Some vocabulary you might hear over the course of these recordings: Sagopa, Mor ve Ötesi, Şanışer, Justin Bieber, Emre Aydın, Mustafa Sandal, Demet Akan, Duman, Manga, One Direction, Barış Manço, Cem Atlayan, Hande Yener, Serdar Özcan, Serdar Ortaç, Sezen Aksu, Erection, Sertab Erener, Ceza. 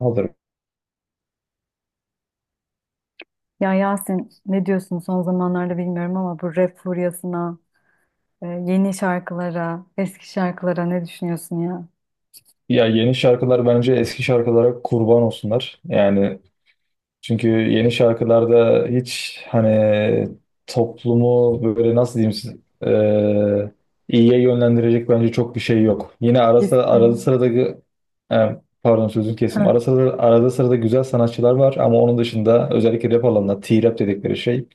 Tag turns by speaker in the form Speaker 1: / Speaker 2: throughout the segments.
Speaker 1: Alırım.
Speaker 2: Ya Yasin ne diyorsun son zamanlarda bilmiyorum ama bu rap furyasına, yeni şarkılara, eski şarkılara ne düşünüyorsun ya?
Speaker 1: Ya yeni şarkılar bence eski şarkılara kurban olsunlar. Yani çünkü yeni şarkılarda hiç hani toplumu böyle nasıl diyeyim size, eee, iyiye yönlendirecek bence çok bir şey yok. Yine arada
Speaker 2: Kesin.
Speaker 1: sırada pardon sözünü kesim.
Speaker 2: Heh.
Speaker 1: Arada sırada, arada sırada güzel sanatçılar var ama onun dışında özellikle rap alanında T-rap dedikleri şey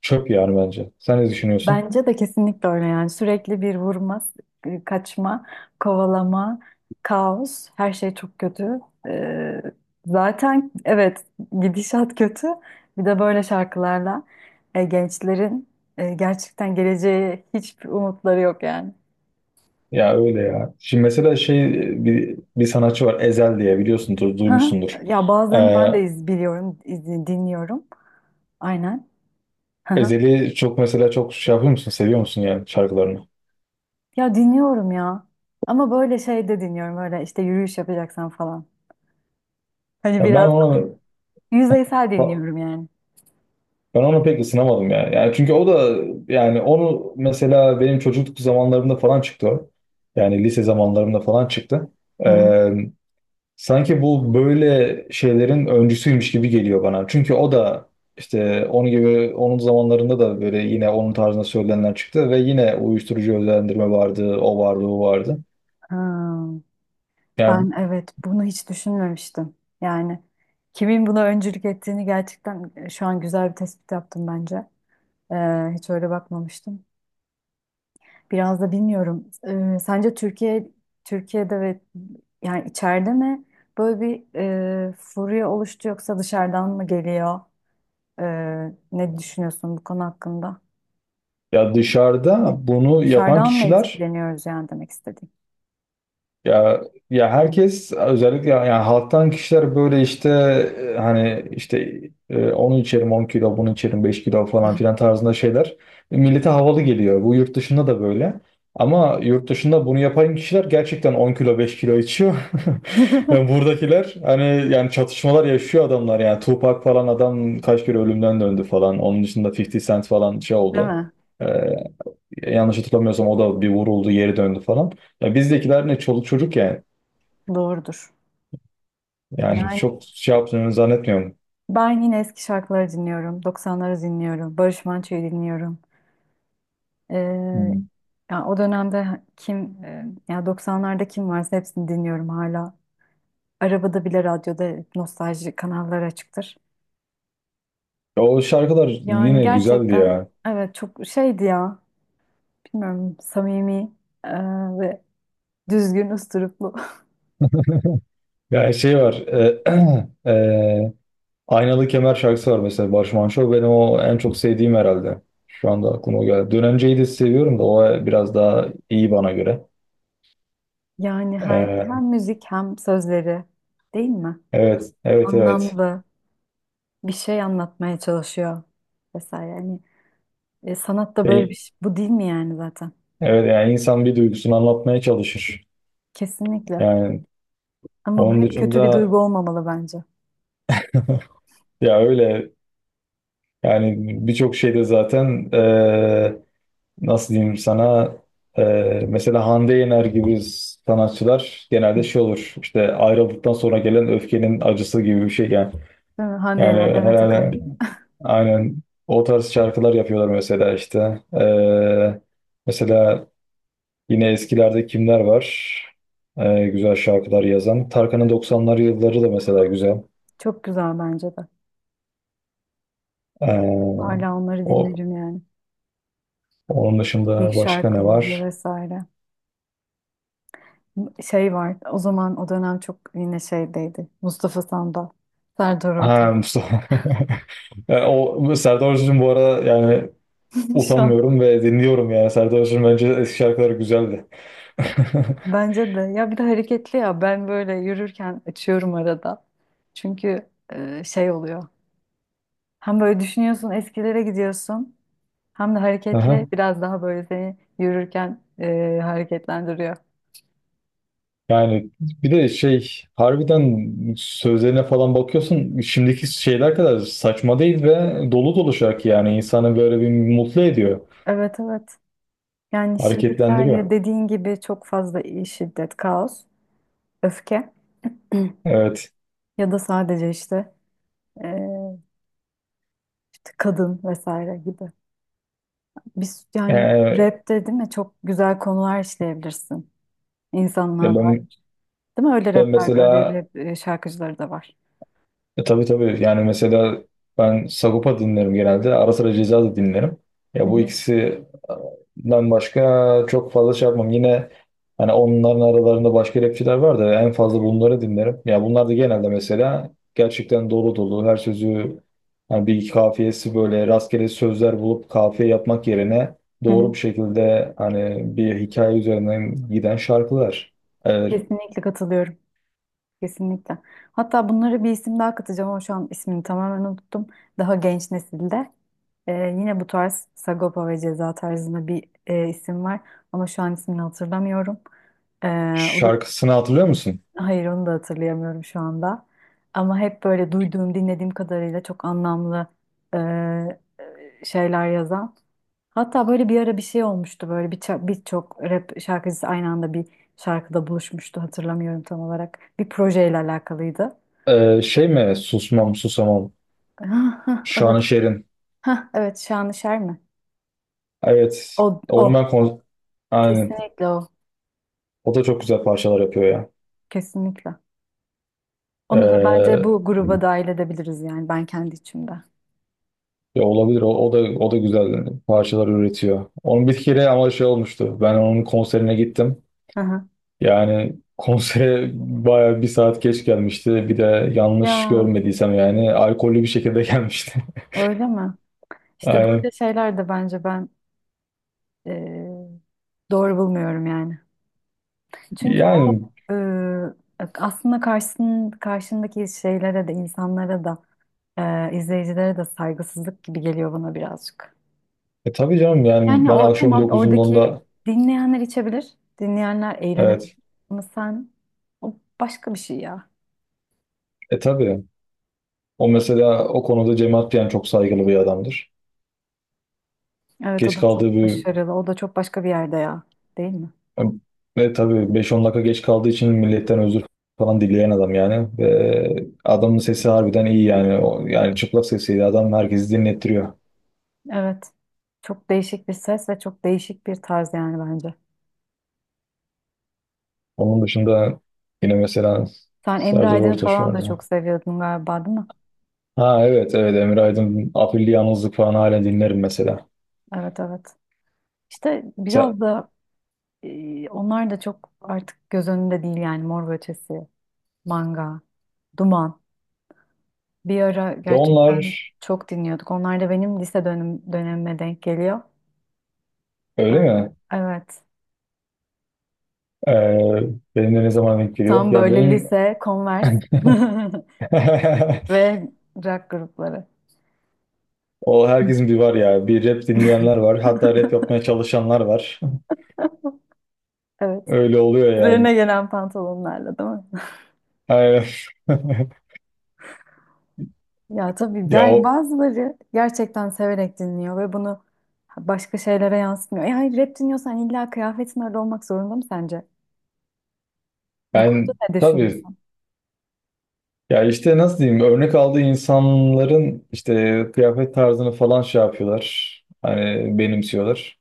Speaker 1: çöp yani bence. Sen ne düşünüyorsun?
Speaker 2: Bence de kesinlikle öyle yani sürekli bir vurma, kaçma, kovalama, kaos, her şey çok kötü. E, Zaten evet gidişat kötü. Bir de böyle şarkılarla gençlerin gerçekten geleceğe hiçbir umutları yok yani.
Speaker 1: Ya öyle ya. Şimdi mesela bir sanatçı var Ezel diye biliyorsundur,
Speaker 2: Hı hı.
Speaker 1: duymuşsundur.
Speaker 2: Ya
Speaker 1: Ee,
Speaker 2: bazılarını ben de iz biliyorum, dinliyorum. Aynen. Hı hı.
Speaker 1: Ezel'i çok mesela çok şey yapıyor musun, seviyor musun yani şarkılarını?
Speaker 2: Ya dinliyorum ya. Ama böyle şey de dinliyorum böyle işte yürüyüş yapacaksan falan. Hani
Speaker 1: Ya ben
Speaker 2: biraz
Speaker 1: onu
Speaker 2: yüzeysel dinliyorum yani.
Speaker 1: ben onu pek ısınamadım ya. Yani çünkü o da yani onu mesela benim çocukluk zamanlarımda falan çıktı o. Yani lise zamanlarımda falan çıktı.
Speaker 2: Hı hı.
Speaker 1: Ee, Sanki bu böyle şeylerin öncüsüymüş gibi geliyor bana. Çünkü o da işte onun gibi onun zamanlarında da böyle yine onun tarzında söylenenler çıktı ve yine uyuşturucu özendirme vardı, o vardı, o vardı.
Speaker 2: Hmm.
Speaker 1: Yani
Speaker 2: Ben evet bunu hiç düşünmemiştim. Yani kimin buna öncülük ettiğini gerçekten şu an güzel bir tespit yaptım bence. Hiç öyle bakmamıştım. Biraz da bilmiyorum. Sence Türkiye'de ve yani içeride mi böyle bir furya oluştu yoksa dışarıdan mı geliyor? Ne düşünüyorsun bu konu hakkında?
Speaker 1: ya dışarıda bunu yapan
Speaker 2: Dışarıdan mı
Speaker 1: kişiler
Speaker 2: etkileniyoruz yani demek istediğim.
Speaker 1: Ya ya herkes özellikle yani halktan kişiler böyle işte hani işte onu içerim 10 kilo bunu içerim 5 kilo falan filan tarzında şeyler millete havalı geliyor. Bu yurt dışında da böyle. Ama yurt dışında bunu yapan kişiler gerçekten 10 kilo 5 kilo içiyor. Yani buradakiler hani yani çatışmalar yaşıyor adamlar yani Tupac falan adam kaç kere ölümden döndü falan. Onun dışında 50 Cent falan şey
Speaker 2: Değil
Speaker 1: oldu.
Speaker 2: mi?
Speaker 1: E, Yanlış hatırlamıyorsam o da bir vuruldu, geri döndü falan. Ya bizdekiler ne çoluk çocuk yani.
Speaker 2: Doğrudur.
Speaker 1: Yani
Speaker 2: Yani
Speaker 1: çok şey yaptığını zannetmiyorum.
Speaker 2: ben yine eski şarkıları dinliyorum. 90'ları dinliyorum. Barış Manço'yu dinliyorum. Ee,
Speaker 1: Hmm.
Speaker 2: Ya o dönemde kim ya 90'larda kim varsa hepsini dinliyorum hala. Arabada bile radyoda nostalji kanalları açıktır.
Speaker 1: Ya o şarkılar
Speaker 2: Yani
Speaker 1: yine güzeldi
Speaker 2: gerçekten
Speaker 1: ya.
Speaker 2: evet çok şeydi ya. Bilmiyorum samimi e, ve düzgün üsluplu.
Speaker 1: Ya şey var. E, Aynalı Kemer şarkısı var mesela Barış Manço. Benim o en çok sevdiğim herhalde. Şu anda aklıma o geldi. Dönence'yi de seviyorum da o biraz daha iyi bana göre.
Speaker 2: Yani hem
Speaker 1: E,
Speaker 2: müzik hem sözleri değil mi?
Speaker 1: evet, evet, evet.
Speaker 2: Anlamlı bir şey anlatmaya çalışıyor vesaire. Yani sanat da böyle bir
Speaker 1: E,
Speaker 2: şey. Bu değil mi yani zaten?
Speaker 1: evet yani insan bir duygusunu anlatmaya çalışır.
Speaker 2: Kesinlikle.
Speaker 1: Yani
Speaker 2: Ama bu
Speaker 1: onun
Speaker 2: hep kötü bir
Speaker 1: dışında
Speaker 2: duygu olmamalı bence.
Speaker 1: ya öyle yani birçok şeyde zaten nasıl diyeyim sana, mesela Hande Yener gibi sanatçılar genelde
Speaker 2: Hı.
Speaker 1: şey olur işte ayrıldıktan sonra gelen öfkenin acısı gibi bir şey yani.
Speaker 2: Değil mi? Hande
Speaker 1: Yani
Speaker 2: Yener, Demet Akan.
Speaker 1: herhalde aynen o tarz şarkılar yapıyorlar mesela işte. Mesela yine eskilerde kimler var? Güzel şarkılar yazan. Tarkan'ın 90'lar yılları da mesela güzel.
Speaker 2: Çok güzel bence de.
Speaker 1: Eee,
Speaker 2: Hala onları
Speaker 1: o,
Speaker 2: dinlerim yani.
Speaker 1: onun
Speaker 2: İlk
Speaker 1: dışında başka ne
Speaker 2: şarkıları
Speaker 1: var?
Speaker 2: vesaire. Şey var o zaman o dönem çok yine şeydeydi. Mustafa Sandal, Serdar Ortaç.
Speaker 1: Ha, Mustafa. Yani o Serdar Özcan'ın bu ara yani
Speaker 2: Şu an
Speaker 1: utanmıyorum ve dinliyorum yani. Serdar Özcan bence eski şarkıları güzeldi.
Speaker 2: bence de ya bir de hareketli ya ben böyle yürürken açıyorum arada. Çünkü şey oluyor. Hem böyle düşünüyorsun eskilere gidiyorsun hem de hareketli
Speaker 1: Aha.
Speaker 2: biraz daha böyle seni yürürken hareketlendiriyor.
Speaker 1: Yani bir de şey harbiden sözlerine falan bakıyorsun şimdiki şeyler kadar saçma değil ve dolu dolu şarkı yani insanı böyle bir mutlu ediyor,
Speaker 2: Evet evet. Yani şimdikiler ya
Speaker 1: hareketlendiriyor.
Speaker 2: dediğin gibi çok fazla şiddet, kaos, öfke
Speaker 1: Evet.
Speaker 2: ya da sadece işte e, kadın vesaire gibi. Biz yani
Speaker 1: Ee,
Speaker 2: rapte değil mi çok güzel konular işleyebilirsin
Speaker 1: ya
Speaker 2: insanlığa
Speaker 1: ben
Speaker 2: dair. Değil mi? Öyle
Speaker 1: ben
Speaker 2: rapler de, öyle
Speaker 1: mesela
Speaker 2: rap şarkıcıları da var.
Speaker 1: Tabii tabii yani mesela ben Sagopa dinlerim genelde. Ara sıra Ceza da dinlerim.
Speaker 2: Hı
Speaker 1: Ya bu
Speaker 2: hı.
Speaker 1: ikisinden başka çok fazla şey yapmam. Yine hani onların aralarında başka rapçiler var da en fazla bunları dinlerim. Ya bunlar da genelde mesela gerçekten dolu dolu her sözü hani bir iki kafiyesi böyle rastgele sözler bulup kafiye yapmak yerine
Speaker 2: Hı
Speaker 1: doğru
Speaker 2: hı.
Speaker 1: bir şekilde hani bir hikaye üzerinden giden şarkılar. E,
Speaker 2: Kesinlikle katılıyorum. Kesinlikle. Hatta bunları bir isim daha katacağım ama şu an ismini tamamen unuttum. Daha genç nesilde yine bu tarz Sagopa ve Ceza tarzında bir isim var ama şu an ismini hatırlamıyorum. E, o da
Speaker 1: şarkısını hatırlıyor musun?
Speaker 2: Hayır onu da hatırlayamıyorum şu anda. Ama hep böyle duyduğum, dinlediğim kadarıyla çok anlamlı e, şeyler yazan. Hatta böyle bir ara bir şey olmuştu böyle bir birçok rap şarkıcısı aynı anda bir şarkıda buluşmuştu hatırlamıyorum tam olarak. Bir projeyle alakalıydı.
Speaker 1: Şey mi susmam susamam
Speaker 2: Hah, hah, evet.
Speaker 1: Şanışer'in.
Speaker 2: Hah, evet Şanışer mi?
Speaker 1: Evet.
Speaker 2: O,
Speaker 1: Onu ben
Speaker 2: o.
Speaker 1: kon- Aynen.
Speaker 2: Kesinlikle o.
Speaker 1: O da çok güzel parçalar yapıyor ya.
Speaker 2: Kesinlikle. Onu da bence
Speaker 1: Ee,
Speaker 2: bu gruba dahil edebiliriz yani ben kendi içimde.
Speaker 1: ya olabilir. O da güzel parçalar üretiyor. Onun bir kere ama şey olmuştu. Ben onun konserine gittim.
Speaker 2: Hı hı.
Speaker 1: Yani konsere bayağı bir saat geç gelmişti. Bir de yanlış
Speaker 2: Ya
Speaker 1: görmediysem yani alkollü bir şekilde gelmişti.
Speaker 2: öyle mi? İşte böyle
Speaker 1: Aynen.
Speaker 2: şeyler de bence ben eee, doğru bulmuyorum yani. Çünkü o
Speaker 1: Yani
Speaker 2: eee, aslında karşındaki şeylere de insanlara da izleyicilere de saygısızlık gibi geliyor bana birazcık.
Speaker 1: tabii canım yani
Speaker 2: Yani
Speaker 1: ben
Speaker 2: o
Speaker 1: akşam
Speaker 2: tamam
Speaker 1: dokuzundan
Speaker 2: oradaki
Speaker 1: da
Speaker 2: dinleyenler içebilir, dinleyenler eğlenebilir
Speaker 1: evet.
Speaker 2: ama sen o başka bir şey ya.
Speaker 1: E tabii. O mesela o konuda Cem Atlayan çok saygılı bir adamdır.
Speaker 2: Evet o
Speaker 1: Geç
Speaker 2: da
Speaker 1: kaldığı
Speaker 2: çok
Speaker 1: bir
Speaker 2: başarılı, o da çok başka bir yerde ya, değil mi?
Speaker 1: ve tabii 5 10 dakika geç kaldığı için milletten özür falan dileyen adam yani. Ve adamın sesi harbiden iyi yani. O, yani çıplak sesiyle adam herkesi dinlettiriyor.
Speaker 2: Evet. Çok değişik bir ses ve çok değişik bir tarz yani bence.
Speaker 1: Onun dışında yine mesela
Speaker 2: Sen Emre
Speaker 1: Serdar
Speaker 2: Aydın
Speaker 1: Ortaç
Speaker 2: falan da
Speaker 1: vardı.
Speaker 2: çok seviyordun galiba değil mi?
Speaker 1: Ha evet evet Emre Aydın Afilli Yalnızlık falan hala dinlerim mesela.
Speaker 2: Evet evet. İşte
Speaker 1: Sen,
Speaker 2: biraz da onlar da çok artık göz önünde değil yani Mor ve Ötesi, Manga, Duman. Bir ara
Speaker 1: ve
Speaker 2: gerçekten
Speaker 1: onlar
Speaker 2: çok dinliyorduk. Onlar da benim lise dönemime denk geliyor. E,
Speaker 1: öyle mi?
Speaker 2: Evet.
Speaker 1: Ee, benim de ne zaman denk geliyor?
Speaker 2: Tam
Speaker 1: Ya
Speaker 2: böyle
Speaker 1: benim
Speaker 2: lise, Converse ve rock grupları.
Speaker 1: O herkesin bir var ya. Bir rap dinleyenler var. Hatta rap yapmaya çalışanlar var.
Speaker 2: Evet.
Speaker 1: Öyle oluyor yani.
Speaker 2: Üzerine gelen pantolonlarla değil mi?
Speaker 1: Aynen.
Speaker 2: Ya tabii
Speaker 1: Ya o
Speaker 2: bazıları gerçekten severek dinliyor ve bunu başka şeylere yansıtmıyor. E hayır rap dinliyorsan illa kıyafetin öyle olmak zorunda mı sence? Bu konuda
Speaker 1: ben
Speaker 2: ne
Speaker 1: tabii
Speaker 2: düşünüyorsun?
Speaker 1: ya işte nasıl diyeyim örnek aldığı insanların işte kıyafet tarzını falan şey yapıyorlar. Hani benimsiyorlar.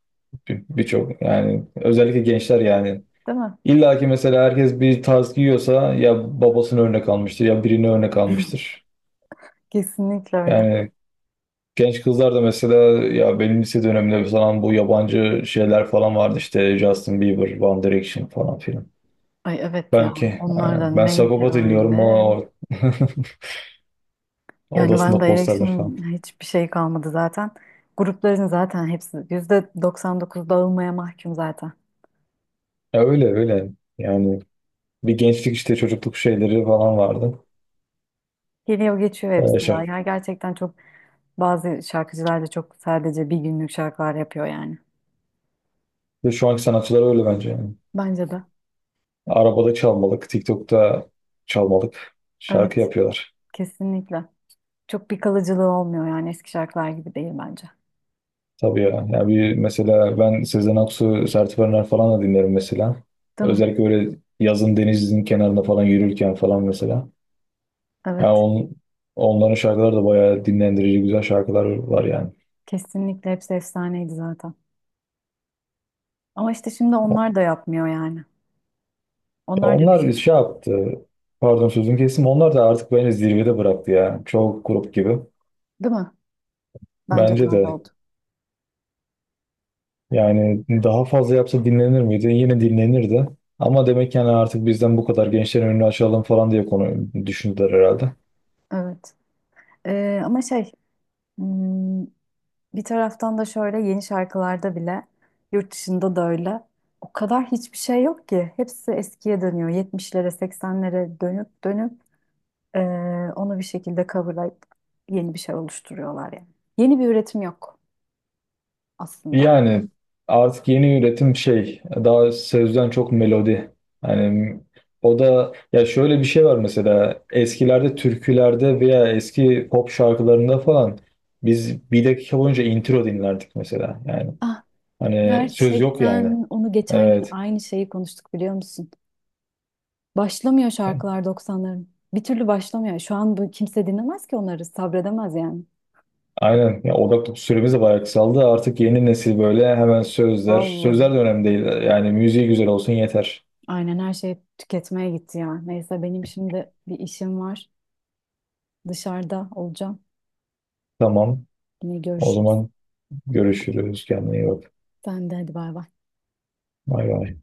Speaker 1: Birçok yani özellikle gençler yani.
Speaker 2: Değil mi?
Speaker 1: İlla ki mesela herkes bir tarz giyiyorsa ya babasını örnek almıştır ya birini örnek almıştır.
Speaker 2: Kesinlikle öyle.
Speaker 1: Yani genç kızlar da mesela ya benim lise döneminde falan bu yabancı şeyler falan vardı işte Justin Bieber, One Direction falan filan.
Speaker 2: Ay evet ya
Speaker 1: Belki.
Speaker 2: onlar da
Speaker 1: Aynen. Ben
Speaker 2: neydi
Speaker 1: Sagopa dinliyorum.
Speaker 2: öyle?
Speaker 1: O
Speaker 2: Yani ben
Speaker 1: odasında
Speaker 2: de
Speaker 1: posterler falan.
Speaker 2: Erection'ın hiçbir şey kalmadı zaten. Grupların zaten hepsi %99 dağılmaya mahkum zaten.
Speaker 1: Ya öyle öyle. Yani bir gençlik işte çocukluk şeyleri falan vardı.
Speaker 2: Geliyor geçiyor hepsi ya.
Speaker 1: Şey.
Speaker 2: Ya gerçekten çok bazı şarkıcılar da çok sadece bir günlük şarkılar yapıyor yani.
Speaker 1: Ve şu anki sanatçılar öyle bence. Yani.
Speaker 2: Bence de.
Speaker 1: Arabada çalmalık, TikTok'ta çalmalık şarkı
Speaker 2: Evet.
Speaker 1: yapıyorlar.
Speaker 2: Kesinlikle. Çok bir kalıcılığı olmuyor yani eski şarkılar gibi değil bence.
Speaker 1: Tabii ya. Ya bir mesela ben Sezen Aksu, Sertab Erener falan da dinlerim mesela.
Speaker 2: Değil mi?
Speaker 1: Özellikle öyle yazın denizin kenarında falan yürürken falan mesela. Ya
Speaker 2: Evet.
Speaker 1: on, onların şarkıları da bayağı dinlendirici güzel şarkılar var yani.
Speaker 2: Kesinlikle hepsi efsaneydi zaten. Ama işte şimdi onlar da yapmıyor yani.
Speaker 1: Ya
Speaker 2: Onlar da bir şey.
Speaker 1: onlar şey yaptı. Pardon sözünü kestim. Onlar da artık bence zirvede bıraktı ya. Çoğu grup gibi.
Speaker 2: Değil mi? Bence de
Speaker 1: Bence
Speaker 2: öyle
Speaker 1: de.
Speaker 2: oldu.
Speaker 1: Yani daha fazla yapsa dinlenir miydi? Yine dinlenirdi. Ama demek yani artık bizden bu kadar gençlerin önünü açalım falan diye konu düşündüler herhalde.
Speaker 2: Evet. Ama şey hmm, bir taraftan da şöyle yeni şarkılarda bile yurt dışında da öyle. O kadar hiçbir şey yok ki. Hepsi eskiye dönüyor. 70'lere 80'lere dönüp dönüp ee, onu bir şekilde coverlayıp yeni bir şey oluşturuyorlar yani. Yeni bir üretim yok aslında.
Speaker 1: Yani artık yeni üretim şey daha sözden çok melodi. Yani o da ya şöyle bir şey var mesela eskilerde türkülerde veya eski pop şarkılarında falan biz 1 dakika boyunca intro dinlerdik mesela. Yani
Speaker 2: Ah,
Speaker 1: hani söz yok yani.
Speaker 2: gerçekten onu geçen gün
Speaker 1: Evet.
Speaker 2: aynı şeyi konuştuk biliyor musun? Başlamıyor şarkılar 90'ların. Bir türlü başlamıyor. Şu an bu kimse dinlemez ki onları, sabredemez yani.
Speaker 1: Aynen. Ya odak süremiz de bayağı kısaldı. Artık yeni nesil böyle hemen sözler. Sözler
Speaker 2: Vallahi.
Speaker 1: de önemli değil. Yani müziği güzel olsun yeter.
Speaker 2: Aynen her şey tüketmeye gitti ya. Neyse benim şimdi bir işim var. Dışarıda olacağım.
Speaker 1: Tamam.
Speaker 2: Yine
Speaker 1: O
Speaker 2: görüşürüz.
Speaker 1: zaman görüşürüz. Kendine iyi bak.
Speaker 2: Sen de hadi bay bay.
Speaker 1: Bay bay.